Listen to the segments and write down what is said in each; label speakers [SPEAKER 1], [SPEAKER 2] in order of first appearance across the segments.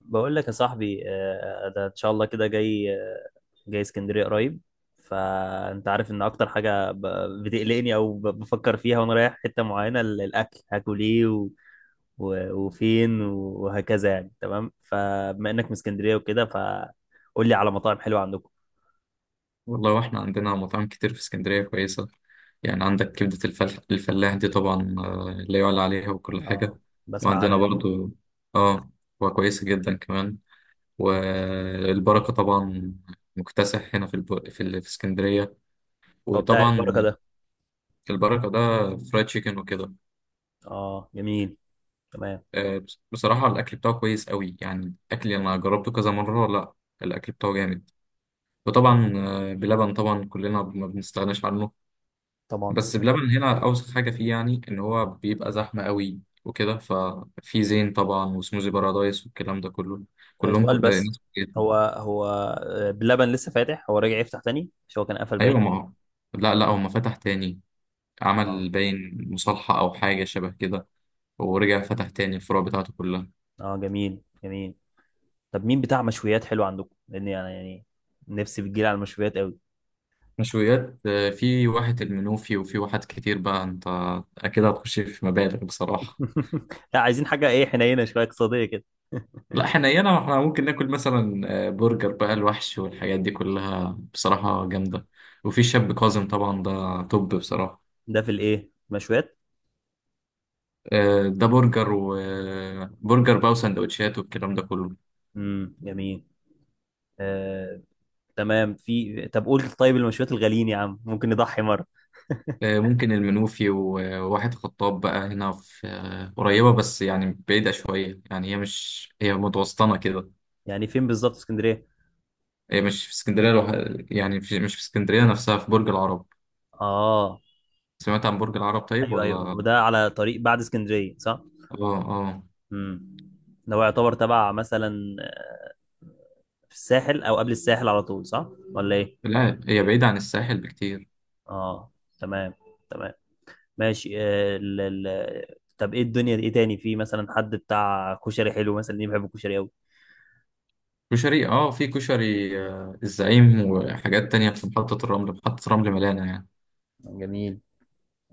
[SPEAKER 1] بقول لك يا صاحبي ده ان شاء الله كده جاي اسكندريه قريب. فانت عارف ان اكتر حاجه بتقلقني او بفكر فيها وانا رايح حته معينه، الاكل هاكل ايه وفين وهكذا يعني، تمام؟ فبما انك من اسكندريه وكده، فقول لي على مطاعم حلوه عندكم.
[SPEAKER 2] والله واحنا عندنا مطاعم كتير في اسكندرية كويسة. يعني عندك كبدة الفلاح، دي طبعا، لا يعلى عليها وكل
[SPEAKER 1] اه،
[SPEAKER 2] حاجة.
[SPEAKER 1] بسمع
[SPEAKER 2] وعندنا
[SPEAKER 1] عنها
[SPEAKER 2] جميل
[SPEAKER 1] دي.
[SPEAKER 2] برضو، اه وكويسة جدا كمان. والبركة طبعا مكتسح هنا في اسكندرية.
[SPEAKER 1] هو بتاع البركه
[SPEAKER 2] وطبعا،
[SPEAKER 1] ده؟
[SPEAKER 2] البركة ده فرايد تشيكن وكده.
[SPEAKER 1] اه، جميل. تمام.
[SPEAKER 2] بصراحة الأكل بتاعه كويس قوي، يعني أكل أنا جربته كذا مرة. لا، الأكل بتاعه جامد. وطبعا، بلبن طبعا كلنا ما بنستغناش عنه.
[SPEAKER 1] طبعا.
[SPEAKER 2] بس بلبن هنا اوسخ حاجه فيه، يعني ان هو بيبقى زحمه قوي وكده. ففي زين طبعا، وسموزي بارادايس، والكلام ده كله، كلهم
[SPEAKER 1] سؤال بس.
[SPEAKER 2] ناس كتير.
[SPEAKER 1] هو بلبن لسه فاتح، هو راجع يفتح تاني؟ مش هو كان قفل
[SPEAKER 2] ايوه، ما
[SPEAKER 1] باين؟
[SPEAKER 2] هو- لا، لا، هو ما فتح تاني.
[SPEAKER 1] آه.
[SPEAKER 2] عمل باين مصالحه او حاجه شبه كده، ورجع فتح تاني الفروع بتاعته كلها.
[SPEAKER 1] اه، جميل جميل. طب مين بتاع مشويات حلو عندكم؟ لان يعني نفسي بتجيلي على المشويات قوي.
[SPEAKER 2] مشويات؟ في واحد المنوفي وفي واحد كتير. بقى انت اكيد هتخش في مبالغ بصراحه.
[SPEAKER 1] لا، عايزين حاجه ايه، حنينه شويه، اقتصاديه كده.
[SPEAKER 2] لا، احنا هنا احنا ممكن ناكل مثلا برجر بقى الوحش والحاجات دي كلها بصراحة جامدة. وفي شاب كاظم طبعا، ده توب بصراحة.
[SPEAKER 1] ده في الايه مشويات؟
[SPEAKER 2] ده برجر وبرجر بقى، وسندوتشات، والكلام ده كله.
[SPEAKER 1] جميل. آه، تمام. في طب قول، طيب المشويات الغاليين يا عم ممكن نضحي مره؟
[SPEAKER 2] ممكن المنوفي و- وواحد خطاب، بقى هنا في، قريبة بس يعني بعيدة شوية، يعني هي مش، هي متوسطنة كده.
[SPEAKER 1] يعني فين بالظبط في اسكندريه؟
[SPEAKER 2] هي مش في اسكندرية لوحدها، يعني مش في اسكندرية نفسها، في برج العرب.
[SPEAKER 1] اه،
[SPEAKER 2] سمعت عن برج العرب طيب،
[SPEAKER 1] ايوه، ايوه،
[SPEAKER 2] ولا؟
[SPEAKER 1] وده على طريق بعد اسكندريه صح؟
[SPEAKER 2] اه. اه.
[SPEAKER 1] امم ده هو يعتبر تبع مثلا في الساحل او قبل الساحل على طول، صح ولا ايه؟
[SPEAKER 2] لا، هي بعيدة عن الساحل بكتير.
[SPEAKER 1] اه، تمام، تمام، ماشي. ال... طب، ايه الدنيا؟ ايه تاني في مثلا حد بتاع كشري حلو؟ مثلا ليه؟ بحب الكشري قوي.
[SPEAKER 2] كشري؟ اه في كشري الزعيم، وحاجات تانية في محطة الرمل، محطة رمل مليانة يعني.
[SPEAKER 1] جميل.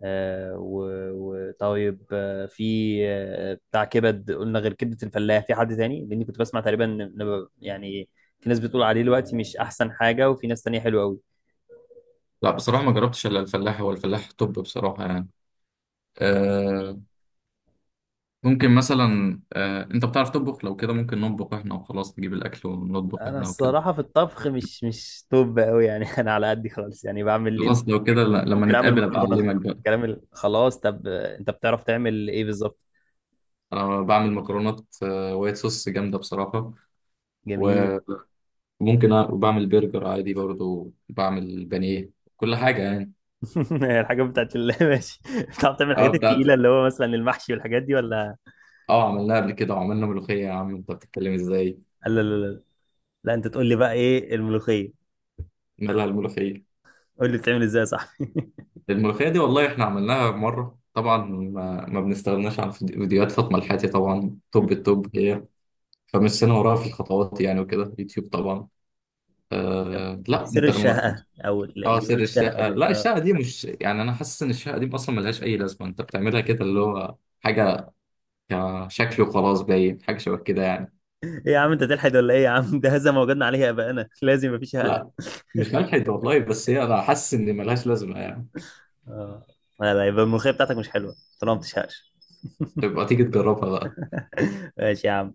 [SPEAKER 1] آه و... طيب. في... بتاع كبد، قلنا غير كبدة الفلاح في حد تاني؟ لاني كنت بسمع تقريبا يعني في ناس بتقول عليه دلوقتي مش احسن حاجة، وفي ناس تانية حلوة قوي.
[SPEAKER 2] لا، بصراحة ما جربتش إلا الفلاح، هو الفلاح. طب بصراحة يعني، آه ممكن مثلا، أنت بتعرف تطبخ؟ لو كده ممكن نطبخ إحنا وخلاص، نجيب الأكل ونطبخ
[SPEAKER 1] انا
[SPEAKER 2] إحنا وكده.
[SPEAKER 1] الصراحة في الطبخ مش توب قوي يعني. انا على قدي خالص يعني، بعمل اللي انت.
[SPEAKER 2] خلاص، لو كده لما
[SPEAKER 1] ممكن اعمل
[SPEAKER 2] نتقابل أبقى
[SPEAKER 1] مكرونة.
[SPEAKER 2] أعلمك بقى.
[SPEAKER 1] كلام خلاص. طب، انت بتعرف تعمل ايه بالظبط؟
[SPEAKER 2] أنا بعمل مكرونات وايت صوص جامدة بصراحة.
[SPEAKER 1] جميل.
[SPEAKER 2] وممكن وبعمل برجر عادي، برضو بعمل بانيه، كل حاجة يعني.
[SPEAKER 1] الحاجات بتاعت ال-... ماشي. بتعرف تعمل
[SPEAKER 2] اه،
[SPEAKER 1] الحاجات
[SPEAKER 2] بتاعت
[SPEAKER 1] التقيلة، اللي هو مثلا المحشي والحاجات دي، ولا؟
[SPEAKER 2] اه عملناها قبل كده، وعملنا ملوخية. يا عم انت بتتكلم ازاي؟
[SPEAKER 1] لا، لا، لا، لا. لا، انت تقول لي بقى، ايه الملوخية؟
[SPEAKER 2] مالها الملوخية؟
[SPEAKER 1] قول لي بتعمل ازاي يا صاحبي.
[SPEAKER 2] الملوخية دي والله احنا عملناها مرة. طبعا ما بنستغناش عن فيديوهات فاطمة الحاتي، طبعا توب التوب هي. فمشينا وراها في الخطوات يعني، وكده، يوتيوب طبعا.
[SPEAKER 1] طب، ايه
[SPEAKER 2] لا،
[SPEAKER 1] سر
[SPEAKER 2] انت لما
[SPEAKER 1] الشهقة او
[SPEAKER 2] اه، سر
[SPEAKER 1] بيقولوا الشهقة
[SPEAKER 2] الشقة،
[SPEAKER 1] دي،
[SPEAKER 2] لا
[SPEAKER 1] اه؟
[SPEAKER 2] الشقة دي مش، يعني انا حاسس ان الشقة دي اصلا ملهاش اي لازمة، انت بتعملها كده اللي هو حاجة كشكل وخلاص، باين حاجة شبه كده يعني.
[SPEAKER 1] ايه يا عم، انت تلحد ولا ايه يا عم؟ ده هذا ما وجدنا عليه ابائنا. لازم يبقى في شهقة.
[SPEAKER 2] لا، مش ملحد والله، بس هي، انا حاسس ان ملهاش لازمة يعني.
[SPEAKER 1] اه، لا، لا، يبقى الملوخية بتاعتك مش حلوة طالما ما بتشهقش.
[SPEAKER 2] تبقى تيجي تجربها.
[SPEAKER 1] ماشي يا عم.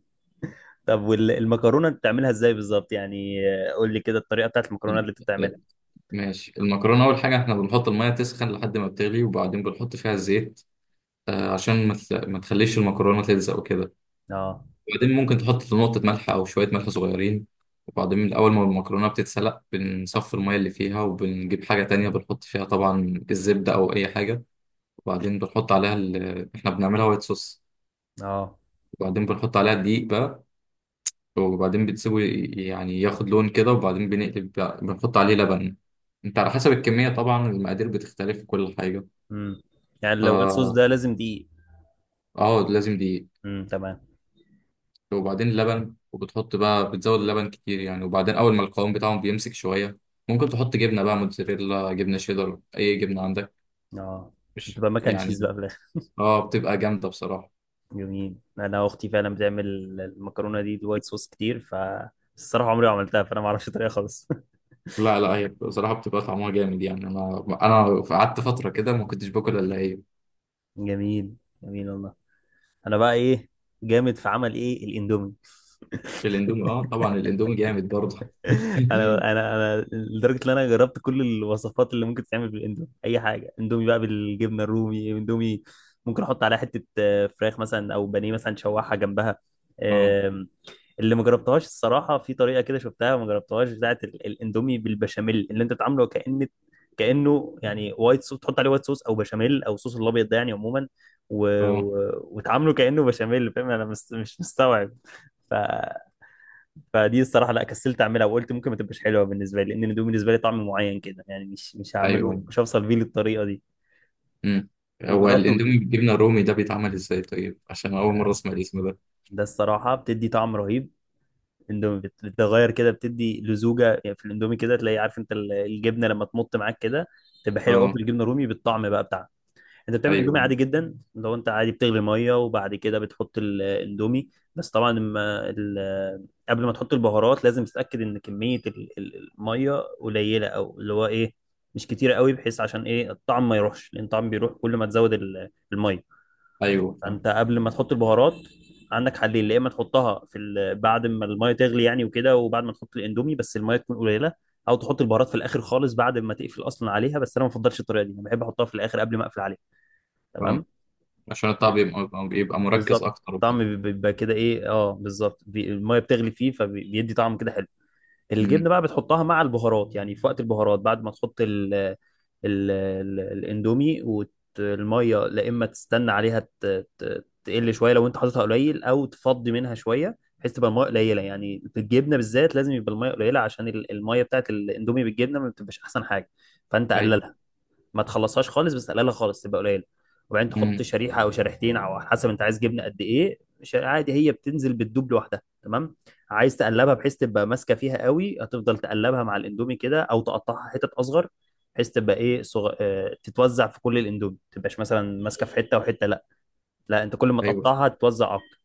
[SPEAKER 1] طب والمكرونة بتعملها ازاي بالظبط يعني؟ قول لي كده الطريقة بتاعت المكرونة اللي انت
[SPEAKER 2] بقى
[SPEAKER 1] بتعملها.
[SPEAKER 2] ماشي. المكرونة، أول حاجة إحنا بنحط المية تسخن لحد ما بتغلي، وبعدين بنحط فيها الزيت، عشان ما تخليش المكرونة تلزق وكده.
[SPEAKER 1] اه،
[SPEAKER 2] وبعدين ممكن تحط نقطة ملح أو شوية ملح صغيرين. وبعدين من أول ما المكرونة بتتسلق، بنصفي المية اللي فيها، وبنجيب حاجة تانية بنحط فيها طبعا الزبدة أو أي حاجة. وبعدين بنحط عليها إحنا بنعملها وايت صوص.
[SPEAKER 1] اه.
[SPEAKER 2] وبعدين بنحط عليها الدقيق بقى، وبعدين بتسيبه يعني ياخد لون كده. وبعدين بنحط عليه لبن. انت على حسب الكمية طبعا، المقادير بتختلف في كل حاجة.
[SPEAKER 1] امم يعني لو وايت صوص
[SPEAKER 2] ف
[SPEAKER 1] ده لازم دقيق؟
[SPEAKER 2] اه لازم دقيق.
[SPEAKER 1] امم، تمام.
[SPEAKER 2] وبعدين لبن، وبتحط بقى، بتزود اللبن كتير يعني. وبعدين اول ما القوام بتاعهم بيمسك شويه، ممكن تحط جبنه بقى، موتزاريلا، جبنه شيدر، اي جبنه عندك.
[SPEAKER 1] اه، عشان
[SPEAKER 2] مش
[SPEAKER 1] تبقى مكن تشيز
[SPEAKER 2] يعني.
[SPEAKER 1] بقى في الاخر؟
[SPEAKER 2] اه، بتبقى جامده بصراحه.
[SPEAKER 1] جميل. انا اختي فعلا بتعمل المكرونه دي بالوايت صوص كتير، ف الصراحه عمري ما عملتها، فانا ما اعرفش الطريقه خالص.
[SPEAKER 2] لا، لا، هي بصراحه بتبقى طعمها جامد يعني، انا قعدت فتره كده ما كنتش باكل الا هي.
[SPEAKER 1] جميل، جميل والله. انا بقى ايه جامد في عمل؟ ايه، الاندومي.
[SPEAKER 2] الاندومي؟ اه، طبعا الاندومي جامد برضه.
[SPEAKER 1] انا لدرجه ان انا جربت كل الوصفات اللي ممكن تتعمل بالاندومي. اي حاجه اندومي بقى، بالجبنه الرومي، اندومي ممكن احط عليها حته فراخ مثلا او بانيه مثلا شوحها جنبها.
[SPEAKER 2] اه.
[SPEAKER 1] اللي ما جربتهاش الصراحه، في طريقه كده شفتها ما جربتهاش، بتاعه الاندومي بالبشاميل، اللي انت بتعامله كأنه يعني وايت صوص. تحط عليه وايت صوص او بشاميل او صوص الابيض ده يعني عموما،
[SPEAKER 2] اه.
[SPEAKER 1] وتعامله كأنه بشاميل. فاهم؟ انا مش مستوعب. ف... فدي الصراحه، لا، كسلت اعملها، وقلت ممكن ما تبقاش حلوه بالنسبه لي، لان الاندومي بالنسبه لي طعم معين كده يعني. مش هعمله،
[SPEAKER 2] ايوه.
[SPEAKER 1] مش هوصل بيه للطريقه دي.
[SPEAKER 2] امم هو
[SPEAKER 1] وجربته.
[SPEAKER 2] الاندومي بالجبنه الرومي ده بيتعمل ازاي؟ طيب، عشان اول مره اسمع الاسم ده.
[SPEAKER 1] ده الصراحه بتدي طعم رهيب. اندومي بتغير كده، بتدي لزوجه يعني في الاندومي كده تلاقي. عارف انت الجبنه لما تمط معاك كده، تبقى حلوه قوي في
[SPEAKER 2] اه.
[SPEAKER 1] الجبنه الرومي بالطعم بقى بتاعها. انت بتعمل اندومي
[SPEAKER 2] ايوه.
[SPEAKER 1] عادي جدا. لو انت عادي بتغلي ميه وبعد كده بتحط الاندومي. بس طبعا لما قبل ما تحط البهارات لازم تتاكد ان كميه الميه قليله، او اللي هو ايه، مش كتيره قوي، بحيث عشان ايه الطعم ما يروحش، لان الطعم بيروح كل ما تزود الميه.
[SPEAKER 2] ايوه. فاهم،
[SPEAKER 1] فانت قبل ما تحط البهارات، عندك حلين. يا اما تحطها في بعد ما الميه تغلي يعني وكده، وبعد ما تحط الاندومي، بس الميه تكون قليله. او تحط البهارات في الاخر خالص بعد ما تقفل اصلا عليها. بس انا ما بفضلش الطريقه دي، انا بحب احطها في الاخر قبل ما اقفل عليها.
[SPEAKER 2] فاهم.
[SPEAKER 1] تمام.
[SPEAKER 2] عشان الطبع بيبقى مركز
[SPEAKER 1] بالظبط.
[SPEAKER 2] اكتر وكده.
[SPEAKER 1] الطعم بيبقى كده، ايه، اه، بالظبط. الميه بتغلي فيه فبيدي طعم كده حلو.
[SPEAKER 2] امم.
[SPEAKER 1] الجبنه بقى بتحطها مع البهارات، يعني في وقت البهارات بعد ما تحط ال الاندومي. والميه، لا اما تستنى عليها تقل شويه لو انت حاططها قليل، او تفضي منها شويه بحيث تبقى الميه قليله. يعني في الجبنه بالذات لازم يبقى الميه قليله، عشان الميه بتاعت الاندومي بالجبنه ما بتبقاش احسن حاجه. فانت
[SPEAKER 2] ايوه.
[SPEAKER 1] قللها. ما تخلصهاش خالص، بس تقللها خالص تبقى قليله. وبعدين تحط
[SPEAKER 2] امم.
[SPEAKER 1] شريحه او شريحتين او على حسب انت عايز جبنه قد ايه. مش عادي، هي بتنزل بتدوب لوحدها. تمام. عايز تقلبها بحيث تبقى ماسكه فيها قوي، هتفضل تقلبها مع الاندومي كده، او تقطعها حتت اصغر بحيث تبقى ايه، صغ... آه، تتوزع في كل الاندومي، ما تبقاش مثلا ماسكه في حته وحته، لا. لا، انت كل ما
[SPEAKER 2] ايوه.
[SPEAKER 1] تقطعها تتوزع اكتر.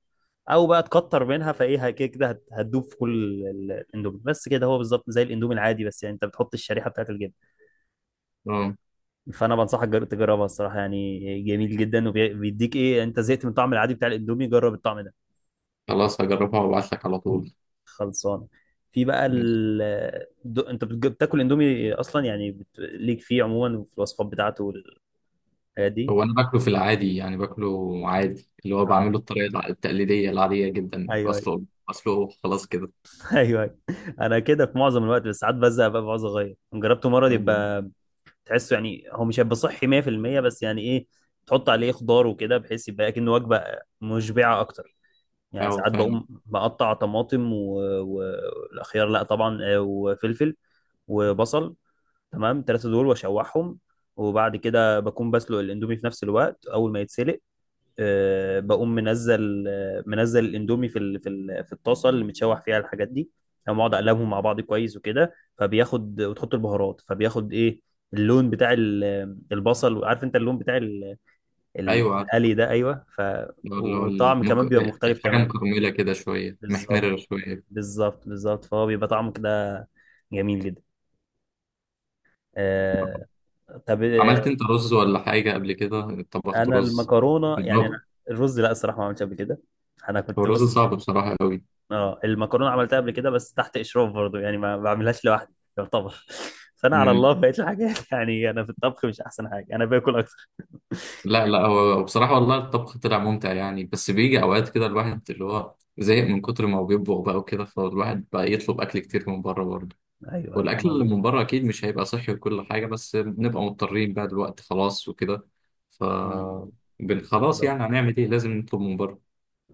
[SPEAKER 1] او بقى تكتر منها، فايه، كده كده هتدوب في كل الاندومي. بس كده هو بالظبط زي الاندومي العادي، بس يعني انت بتحط الشريحه بتاعت الجبنه.
[SPEAKER 2] اه،
[SPEAKER 1] فانا بنصحك تجربها الصراحه، يعني جميل جدا وبيديك ايه. انت زهقت من الطعم العادي بتاع الاندومي، جرب الطعم ده.
[SPEAKER 2] خلاص هجربها وابعت لك على طول.
[SPEAKER 1] خلصان. في بقى
[SPEAKER 2] ماشي.
[SPEAKER 1] انت بتاكل اندومي اصلا يعني؟ ليك فيه عموما في الوصفات بتاعته والحاجات دي؟
[SPEAKER 2] هو انا باكله في العادي يعني، باكله عادي اللي هو
[SPEAKER 1] اه،
[SPEAKER 2] بعمله الطريقه التقليديه العاديه جدا،
[SPEAKER 1] ايوه، ايوه.
[SPEAKER 2] بسلقه. بسلقه، خلاص كده.
[SPEAKER 1] ايوه، أيوة. انا كده في معظم الوقت، بس ساعات بزهق بقى، بعوز اغير. جربته مره
[SPEAKER 2] فاهم.
[SPEAKER 1] يبقى تحسه، يعني هو مش هيبقى صحي 100%، بس يعني ايه، تحط عليه خضار وكده بحيث يبقى كأنه وجبه مشبعه اكتر. يعني
[SPEAKER 2] ايوه،
[SPEAKER 1] ساعات
[SPEAKER 2] فاهم.
[SPEAKER 1] بقوم بقطع طماطم والخيار، لا طبعا، وفلفل وبصل. تمام، الثلاثه دول واشوحهم. وبعد كده بكون بسلق الاندومي في نفس الوقت. اول ما يتسلق، بقوم منزل الاندومي في الطاسه اللي متشوح فيها الحاجات دي. تمام. اقعد اقلبهم مع بعض كويس وكده، فبياخد. وتحط البهارات، فبياخد ايه، اللون بتاع البصل. عارف انت اللون بتاع
[SPEAKER 2] ايوه، عارف.
[SPEAKER 1] القلي ده؟ ايوه، ف...
[SPEAKER 2] اللي هو
[SPEAKER 1] والطعم كمان بيبقى مختلف
[SPEAKER 2] الحاجه
[SPEAKER 1] تماما.
[SPEAKER 2] مكرمله كده شويه،
[SPEAKER 1] بالظبط،
[SPEAKER 2] محمره شويه.
[SPEAKER 1] بالظبط، بالظبط. فهو بيبقى طعمه كده جميل جدا. آه طب.
[SPEAKER 2] عملت انت رز ولا حاجه قبل كده؟ طبخت
[SPEAKER 1] انا
[SPEAKER 2] رز؟
[SPEAKER 1] المكرونه يعني انا...
[SPEAKER 2] الرز،
[SPEAKER 1] الرز، لا الصراحه ما عملتش قبل كده. انا
[SPEAKER 2] هو
[SPEAKER 1] كنت
[SPEAKER 2] الرز
[SPEAKER 1] بص...
[SPEAKER 2] صعب بصراحه قوي.
[SPEAKER 1] اه، المكرونه عملتها قبل كده بس تحت اشراف برضو، يعني ما بعملهاش لوحدي يعتبر. فانا على الله بقيت الحاجات. يعني انا في الطبخ مش احسن حاجه، انا باكل اكتر.
[SPEAKER 2] لا، لا، هو بصراحة والله الطبخ طلع ممتع يعني، بس بيجي أوقات كده الواحد اللي هو زهق من كتر ما هو بيطبخ بقى وكده، فالواحد بقى يطلب أكل كتير من بره برضه.
[SPEAKER 1] ايوه، ايوه،
[SPEAKER 2] والأكل
[SPEAKER 1] الموضوع
[SPEAKER 2] اللي
[SPEAKER 1] ده.
[SPEAKER 2] من بره أكيد مش هيبقى صحي وكل حاجة، بس بنبقى مضطرين بقى دلوقتي، خلاص وكده. ف
[SPEAKER 1] مم،
[SPEAKER 2] خلاص
[SPEAKER 1] بالظبط.
[SPEAKER 2] يعني، هنعمل إيه؟ لازم نطلب من بره.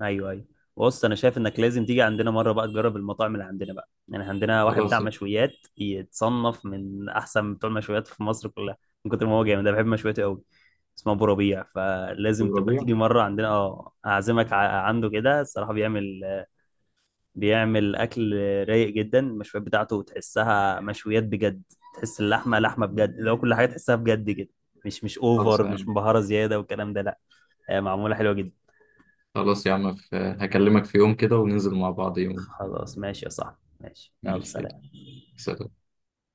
[SPEAKER 1] ايوه، ايوه. بص، انا شايف انك لازم تيجي عندنا مره بقى، تجرب المطاعم اللي عندنا بقى. يعني عندنا واحد بتاع
[SPEAKER 2] خلاص يعني.
[SPEAKER 1] مشويات يتصنف من احسن بتوع المشويات في مصر كلها، من كتر ما هو جامد. انا بحب مشوياته قوي. اسمه ابو ربيع، فلازم
[SPEAKER 2] أبو
[SPEAKER 1] تبقى
[SPEAKER 2] ربيع.
[SPEAKER 1] تيجي مره عندنا. اه اعزمك عنده كده. الصراحه بيعمل اكل رايق جدا. المشويات بتاعته تحسها مشويات بجد. تحس اللحمه لحمه بجد، لو كل حاجه تحسها بجد كده، مش
[SPEAKER 2] خلاص
[SPEAKER 1] اوفر، مش
[SPEAKER 2] يعني.
[SPEAKER 1] مبهره زياده والكلام ده، لا. معموله حلوه جدا.
[SPEAKER 2] خلاص يا عم، هكلمك في يوم كده وننزل مع بعض يوم.
[SPEAKER 1] خلاص ماشي يا صاحبي، ماشي، يلا
[SPEAKER 2] ماشي يلا.
[SPEAKER 1] سلام.
[SPEAKER 2] سلام.